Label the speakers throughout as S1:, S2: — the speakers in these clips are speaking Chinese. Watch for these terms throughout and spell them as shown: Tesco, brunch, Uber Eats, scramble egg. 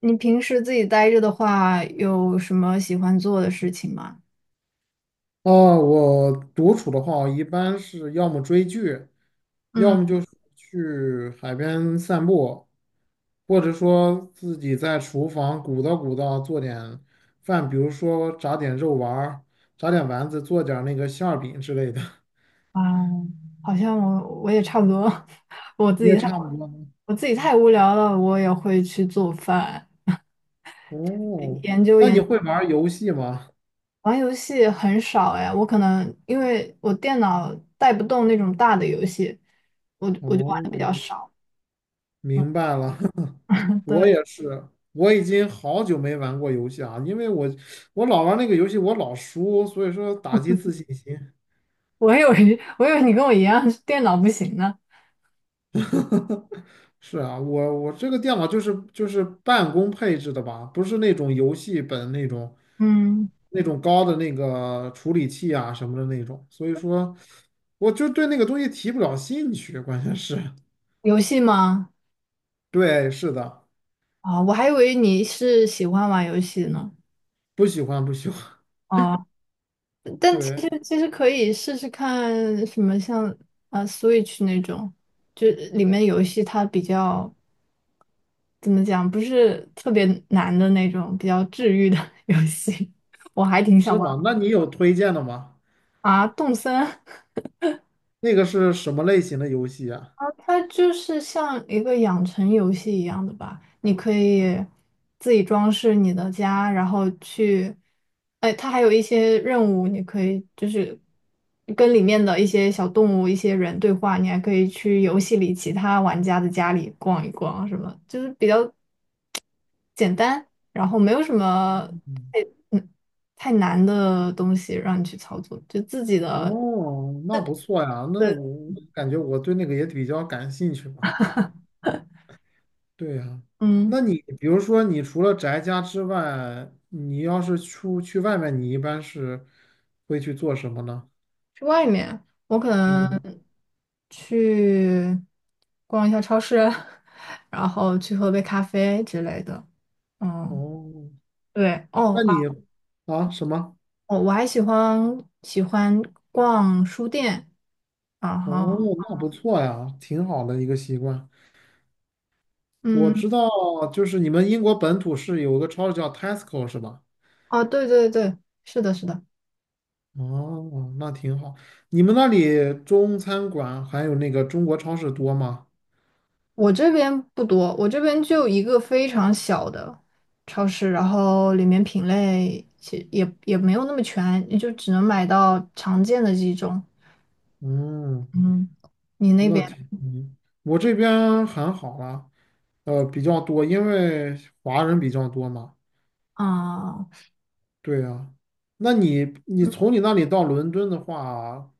S1: 你平时自己待着的话，有什么喜欢做的事情吗？
S2: 哦，我独处的话，我一般是要么追剧，要
S1: 嗯。
S2: 么就是去海边散步，或者说自己在厨房鼓捣鼓捣做点饭，比如说炸点肉丸儿，炸点丸子，做点儿那个馅儿饼之类的，
S1: 啊。好像我我也差不多，我自
S2: 你也
S1: 己太
S2: 差不多呢。
S1: 我自己太无聊了，我也会去做饭，
S2: 哦，
S1: 研究
S2: 那你
S1: 研
S2: 会玩儿游戏吗？
S1: 玩游戏很少哎，我可能因为我电脑带不动那种大的游戏，我就玩的
S2: 哦，
S1: 比较少。
S2: 明白了，我
S1: 对。
S2: 也是，我已经好久没玩过游戏啊，因为我老玩那个游戏，我老输，所以说打击自信心。
S1: 我以为 我以为你跟我一样，电脑不行呢。
S2: 是啊，我这个电脑就是办公配置的吧，不是那种游戏本，那种
S1: 嗯。
S2: 那种高的那个处理器啊什么的那种，所以说我就对那个东西提不了兴趣，关键是。
S1: 游戏吗？
S2: 对，是的，
S1: 啊，我还以为你是喜欢玩游戏呢。
S2: 不喜欢不喜欢，
S1: 哦。但其
S2: 对，
S1: 实其实可以试试看什么像Switch 那种，就里面游戏它比较怎么讲，不是特别难的那种，比较治愈的 游戏，我还挺想
S2: 是
S1: 玩
S2: 吗？那你有推荐的吗？
S1: 啊。动森，
S2: 那个是什么类型的游戏啊？
S1: 它就是像一个养成游戏一样的吧，你可以自己装饰你的家，然后去，哎，它还有一些任务，你可以就是跟里面的一些小动物、一些人对话，你还可以去游戏里其他玩家的家里逛一逛，什么就是比较简单，然后没有什么太嗯太难的东西让你去操作，就自己的。
S2: 哦，那不错呀，那
S1: 对，
S2: 我感觉我对那个也比较感兴趣吧。对呀，
S1: 嗯。
S2: 那你比如说，你除了宅家之外，你要是出去外面，你一般是会去做什么呢？
S1: 去外面，我可能
S2: 嗯，
S1: 去逛一下超市，然后去喝杯咖啡之类的。嗯。
S2: 哦，
S1: 对。
S2: 那
S1: 哦。
S2: 你啊什么？
S1: 哦，我还喜欢逛书店，然
S2: 哦，
S1: 后，
S2: 那不错呀，挺好的一个习惯。我
S1: 嗯。
S2: 知道，就是你们英国本土是有个超市叫 Tesco 是吧？
S1: 哦，对对对，是的，是的。
S2: 哦，那挺好。你们那里中餐馆还有那个中国超市多吗？
S1: 我这边不多，我这边就一个非常小的超市，然后里面品类其实也也没有那么全，也就只能买到常见的几种。
S2: 嗯，
S1: 嗯，你那
S2: 那
S1: 边？
S2: 挺，嗯，我这边还好啦，比较多，因为华人比较多嘛。
S1: 啊。
S2: 对呀，那你
S1: 嗯。
S2: 从你那里到伦敦的话，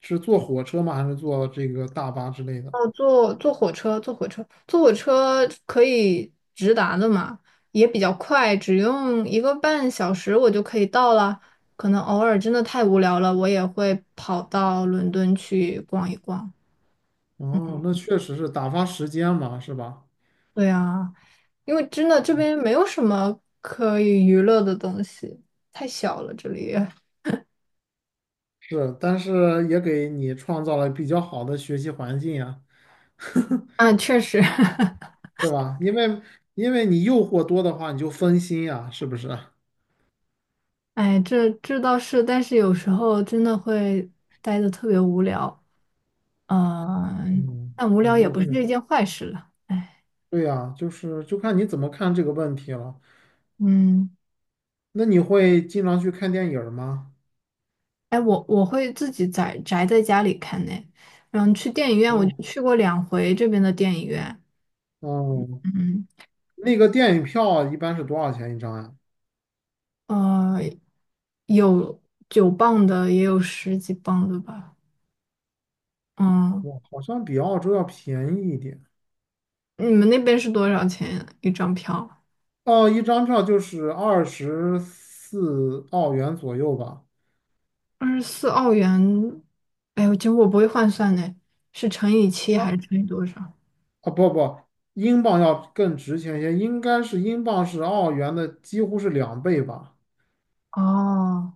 S2: 是坐火车吗？还是坐这个大巴之类的？
S1: 哦，坐火车，坐火车，坐火车可以直达的嘛，也比较快，只用一个半小时我就可以到了。可能偶尔真的太无聊了，我也会跑到伦敦去逛一逛。
S2: 哦，那确实是打发时间嘛，是吧？
S1: 对啊，因为真的这边没有什么可以娱乐的东西，太小了这里。
S2: 是，但是也给你创造了比较好的学习环境呀，
S1: 啊，确实。
S2: 是吧？因为你诱惑多的话，你就分心呀，是不是？
S1: 哎，这这倒是，但是有时候真的会待的特别无聊。嗯，
S2: 嗯，
S1: 但无
S2: 是，
S1: 聊也
S2: 那
S1: 不
S2: 确
S1: 是
S2: 实。
S1: 一件坏事了。哎，
S2: 对呀，就是就看你怎么看这个问题了。
S1: 嗯。
S2: 那你会经常去看电影儿吗？
S1: 哎，我我会自己宅在家里看呢。嗯，去电影院我就
S2: 哦。
S1: 去过两回这边的电影院。
S2: 哦，
S1: 嗯。
S2: 那个电影票一般是多少钱一张呀？
S1: 呃，有九磅的，也有十几磅的吧。嗯，
S2: 我好像比澳洲要便宜一点。
S1: 你们那边是多少钱一张票？
S2: 哦，一张票就是24澳元左右吧。
S1: 二十四澳元。哎呦，其实我不会换算呢，是乘以七还是
S2: 它
S1: 乘以多少？
S2: 不不，英镑要更值钱一些，应该是英镑是澳元的几乎是2倍吧？
S1: 哦。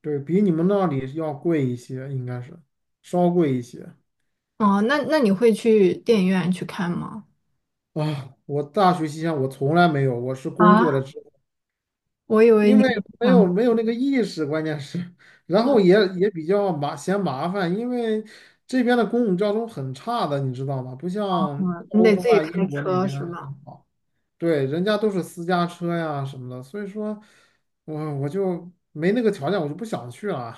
S2: 对，比你们那里要贵一些，应该是稍贵一些。
S1: 哦，那那你会去电影院去看吗？
S2: 啊，我大学期间我从来没有，我是工作了
S1: 啊，
S2: 之后，
S1: 我以为
S2: 因
S1: 你
S2: 为
S1: 不
S2: 没
S1: 想
S2: 有没有那个意识，关键是，然后
S1: 做
S2: 也比较麻烦，因为这边的公共交通很差的，你知道吗？不
S1: 坐
S2: 像
S1: 车，你
S2: 欧
S1: 得
S2: 洲
S1: 自己
S2: 啊、
S1: 开
S2: 英国那
S1: 车
S2: 边
S1: 是吗？
S2: 很好。对，人家都是私家车呀什么的，所以说我就没那个条件，我就不想去了。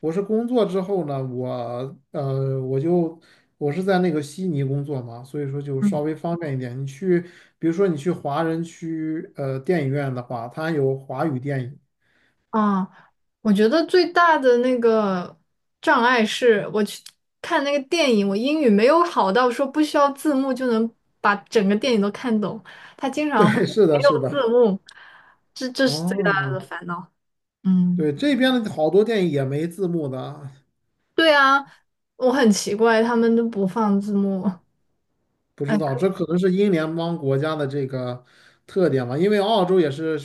S2: 我是工作之后呢，我是在那个悉尼工作嘛，所以说就稍
S1: 嗯。
S2: 微方便一点。比如说你去华人区电影院的话，它有华语电影。
S1: 啊，我觉得最大的那个障碍是我去看那个电影，我英语没有好到说不需要字幕就能把整个电影都看懂，他经
S2: 对，
S1: 常会
S2: 是
S1: 没
S2: 的，是
S1: 有字
S2: 的。
S1: 幕，这这是最大的
S2: 哦，
S1: 烦恼。嗯。
S2: 对，这边的好多电影也没字幕的，
S1: 对啊，我很奇怪，他们都不放字幕。
S2: 不
S1: 哎。
S2: 知道，这可能是英联邦国家的这个特点吧，因为澳洲也是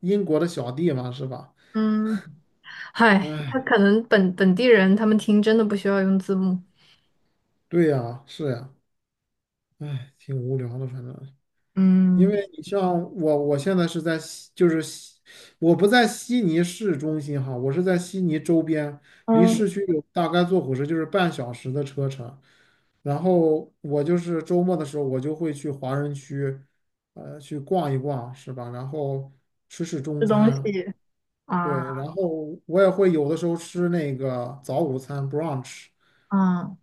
S2: 英国的小弟嘛，是吧？
S1: 嗯。嗨，他
S2: 哎，
S1: 可能本地人他们听真的不需要用字幕。
S2: 对呀，是呀，哎，挺无聊的，反正，因
S1: 嗯。
S2: 为你像我，我现在是在悉，就是悉，我不在悉尼市中心哈，我是在悉尼周边，离
S1: 嗯。
S2: 市区有大概坐火车就是半小时的车程，然后我就是周末的时候，我就会去华人区，去逛一逛，是吧？然后吃吃中
S1: 吃东
S2: 餐。
S1: 西
S2: 对，
S1: 啊。
S2: 然后我也会有的时候吃那个早午餐 brunch,
S1: 啊。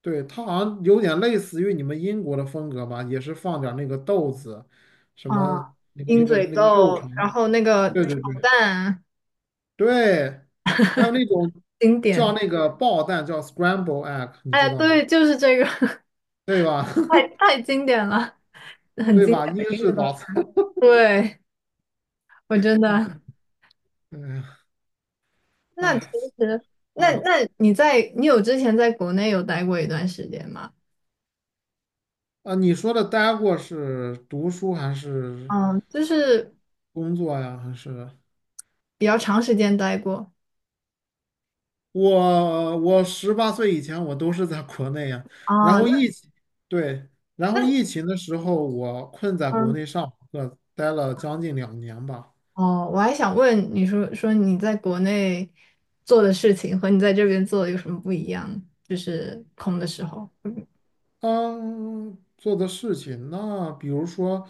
S2: 对，它好像有点类似于你们英国的风格吧，也是放点儿那个豆子，什
S1: 啊，
S2: 么那个那
S1: 鹰
S2: 个
S1: 嘴
S2: 那个肉
S1: 豆，
S2: 肠，
S1: 然后那个
S2: 对对
S1: 炒
S2: 对，
S1: 蛋，
S2: 对，还有那种
S1: 经
S2: 叫
S1: 典。
S2: 那个爆蛋叫 scramble egg,你知
S1: 哎，
S2: 道吗？
S1: 对，就是这个。
S2: 对吧？
S1: 太 太经典了。
S2: 对吧？英
S1: 一个
S2: 式
S1: 都
S2: 早餐，
S1: 对，我真
S2: 嗯
S1: 的
S2: 哎呀，
S1: 那其
S2: 哎，
S1: 实，那
S2: 啊
S1: 那你在你有之前在国内有待过一段时间吗？
S2: 啊！你说的待过是读书还是
S1: 嗯，就是
S2: 工作呀？还是？
S1: 比较长时间待过。
S2: 我18岁以前我都是在国内呀，然
S1: 啊，
S2: 后
S1: 那
S2: 疫情，对，然后
S1: 那
S2: 疫情的时候我困在国
S1: 嗯。
S2: 内上课，待了将近2年吧。
S1: 哦，我还想问你说说你在国内做的事情和你在这边做的有什么不一样？就是空的时候，
S2: 嗯，做的事情，那比如说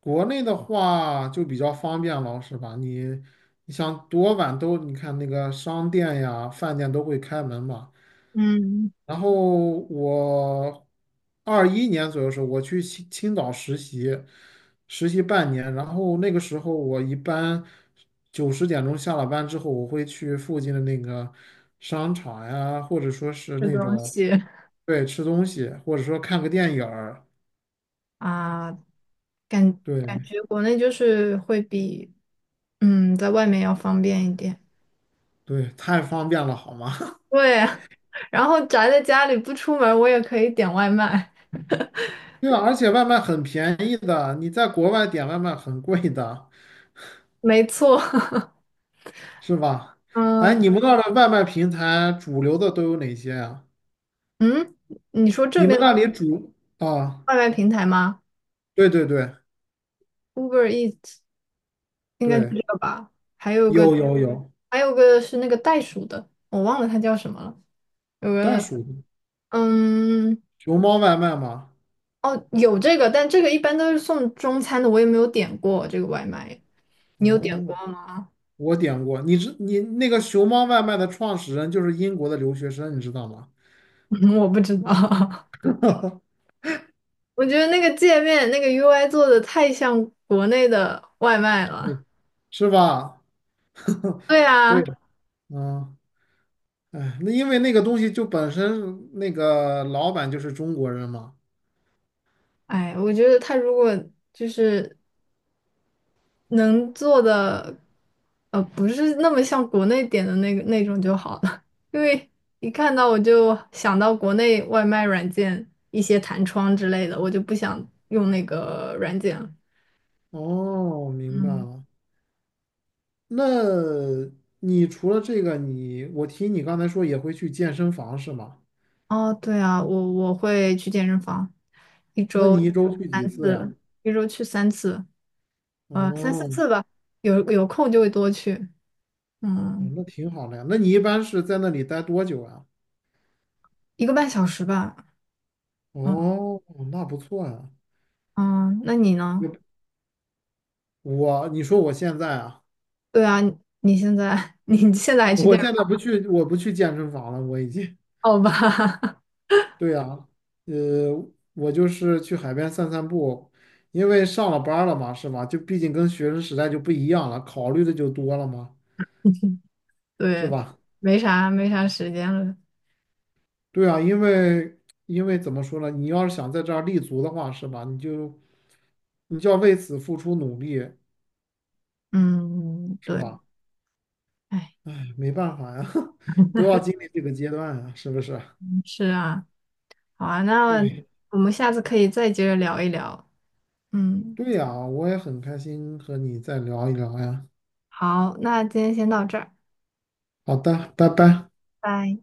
S2: 国内的话就比较方便了，是吧？你想多晚都，你看那个商店呀、饭店都会开门嘛，
S1: 嗯。
S2: 然后我21年左右的时候，我去青岛实习，实习半年。然后那个时候，我一般9、10点钟下了班之后，我会去附近的那个商场呀，或者说是
S1: 这
S2: 那
S1: 东
S2: 种，
S1: 西
S2: 对，吃东西，或者说看个电影儿。
S1: 啊，感感
S2: 对
S1: 觉国内就是会比在外面要方便一点。
S2: 对，太方便了，好吗？
S1: 对啊。然后宅在家里不出门，我也可以点外卖。
S2: 对啊，而且外卖很便宜的，你在国外点外卖很贵的，
S1: 没错。
S2: 是吧？哎，
S1: 嗯。
S2: 你们那儿的外卖平台主流的都有哪些呀、
S1: 嗯，你说这
S2: 你
S1: 边
S2: 们
S1: 的
S2: 那里煮啊？
S1: 外卖平台吗
S2: 对对对
S1: ？Uber Eats 应该就
S2: 对，
S1: 这个吧，还有个
S2: 有有有，
S1: 还有个是那个袋鼠的，我忘了它叫什么了。有
S2: 袋
S1: 个，
S2: 鼠。
S1: 嗯。
S2: 熊猫外卖吗？
S1: 哦，有这个，但这个一般都是送中餐的，我也没有点过这个外卖。你有点过
S2: 哦，
S1: 吗？
S2: 我点过。你那个熊猫外卖的创始人就是英国的留学生，你知道吗？
S1: 嗯我不知道。我觉得那个界面那个 UI 做的太像国内的外卖
S2: 那
S1: 了。
S2: 是吧？
S1: 对啊。
S2: 对，嗯，哎，那因为那个东西就本身那个老板就是中国人嘛。
S1: 哎，我觉得他如果就是能做的，呃，不是那么像国内点的那个那种就好了，因为一看到我就想到国内外卖软件一些弹窗之类的，我就不想用那个软件了。
S2: 哦，明白
S1: 嗯。
S2: 了。那你除了这个，我听你刚才说也会去健身房是吗？
S1: 哦，对啊，我我会去健身房，一
S2: 那
S1: 周
S2: 你一周去几
S1: 三
S2: 次呀？
S1: 次，一周去三次，呃，三四
S2: 哦。
S1: 次吧，有有空就会多去，
S2: 哦
S1: 嗯。
S2: 那挺好的呀。那你一般是在那里待多久啊？
S1: 一个半小时吧，嗯。
S2: 哦，那不错呀。
S1: 嗯，那你呢？
S2: 我你说我现在啊，
S1: 对啊，你现在 你现在还 去？
S2: 我
S1: 健
S2: 现在不去，我不去健身房了，我已经。
S1: 好吧。
S2: 对呀，呃，我就是去海边散散步，因为上了班儿了嘛，是吧？就毕竟跟学生时代就不一样了，考虑的就多了嘛，是
S1: 对，
S2: 吧？
S1: 没啥没啥时间了。
S2: 对啊，因为怎么说呢，你要是想在这儿立足的话，是吧？你就要为此付出努力，
S1: 嗯。
S2: 是
S1: 对。
S2: 吧？
S1: 哎。
S2: 哎，没办法呀，都要经历这个阶段啊，是不是？
S1: 是啊。好啊，那
S2: 对，
S1: 我们下次可以再接着聊一聊。嗯。
S2: 对呀，我也很开心和你再聊一聊呀。
S1: 好，那今天先到这儿，
S2: 好的，拜拜。
S1: 拜。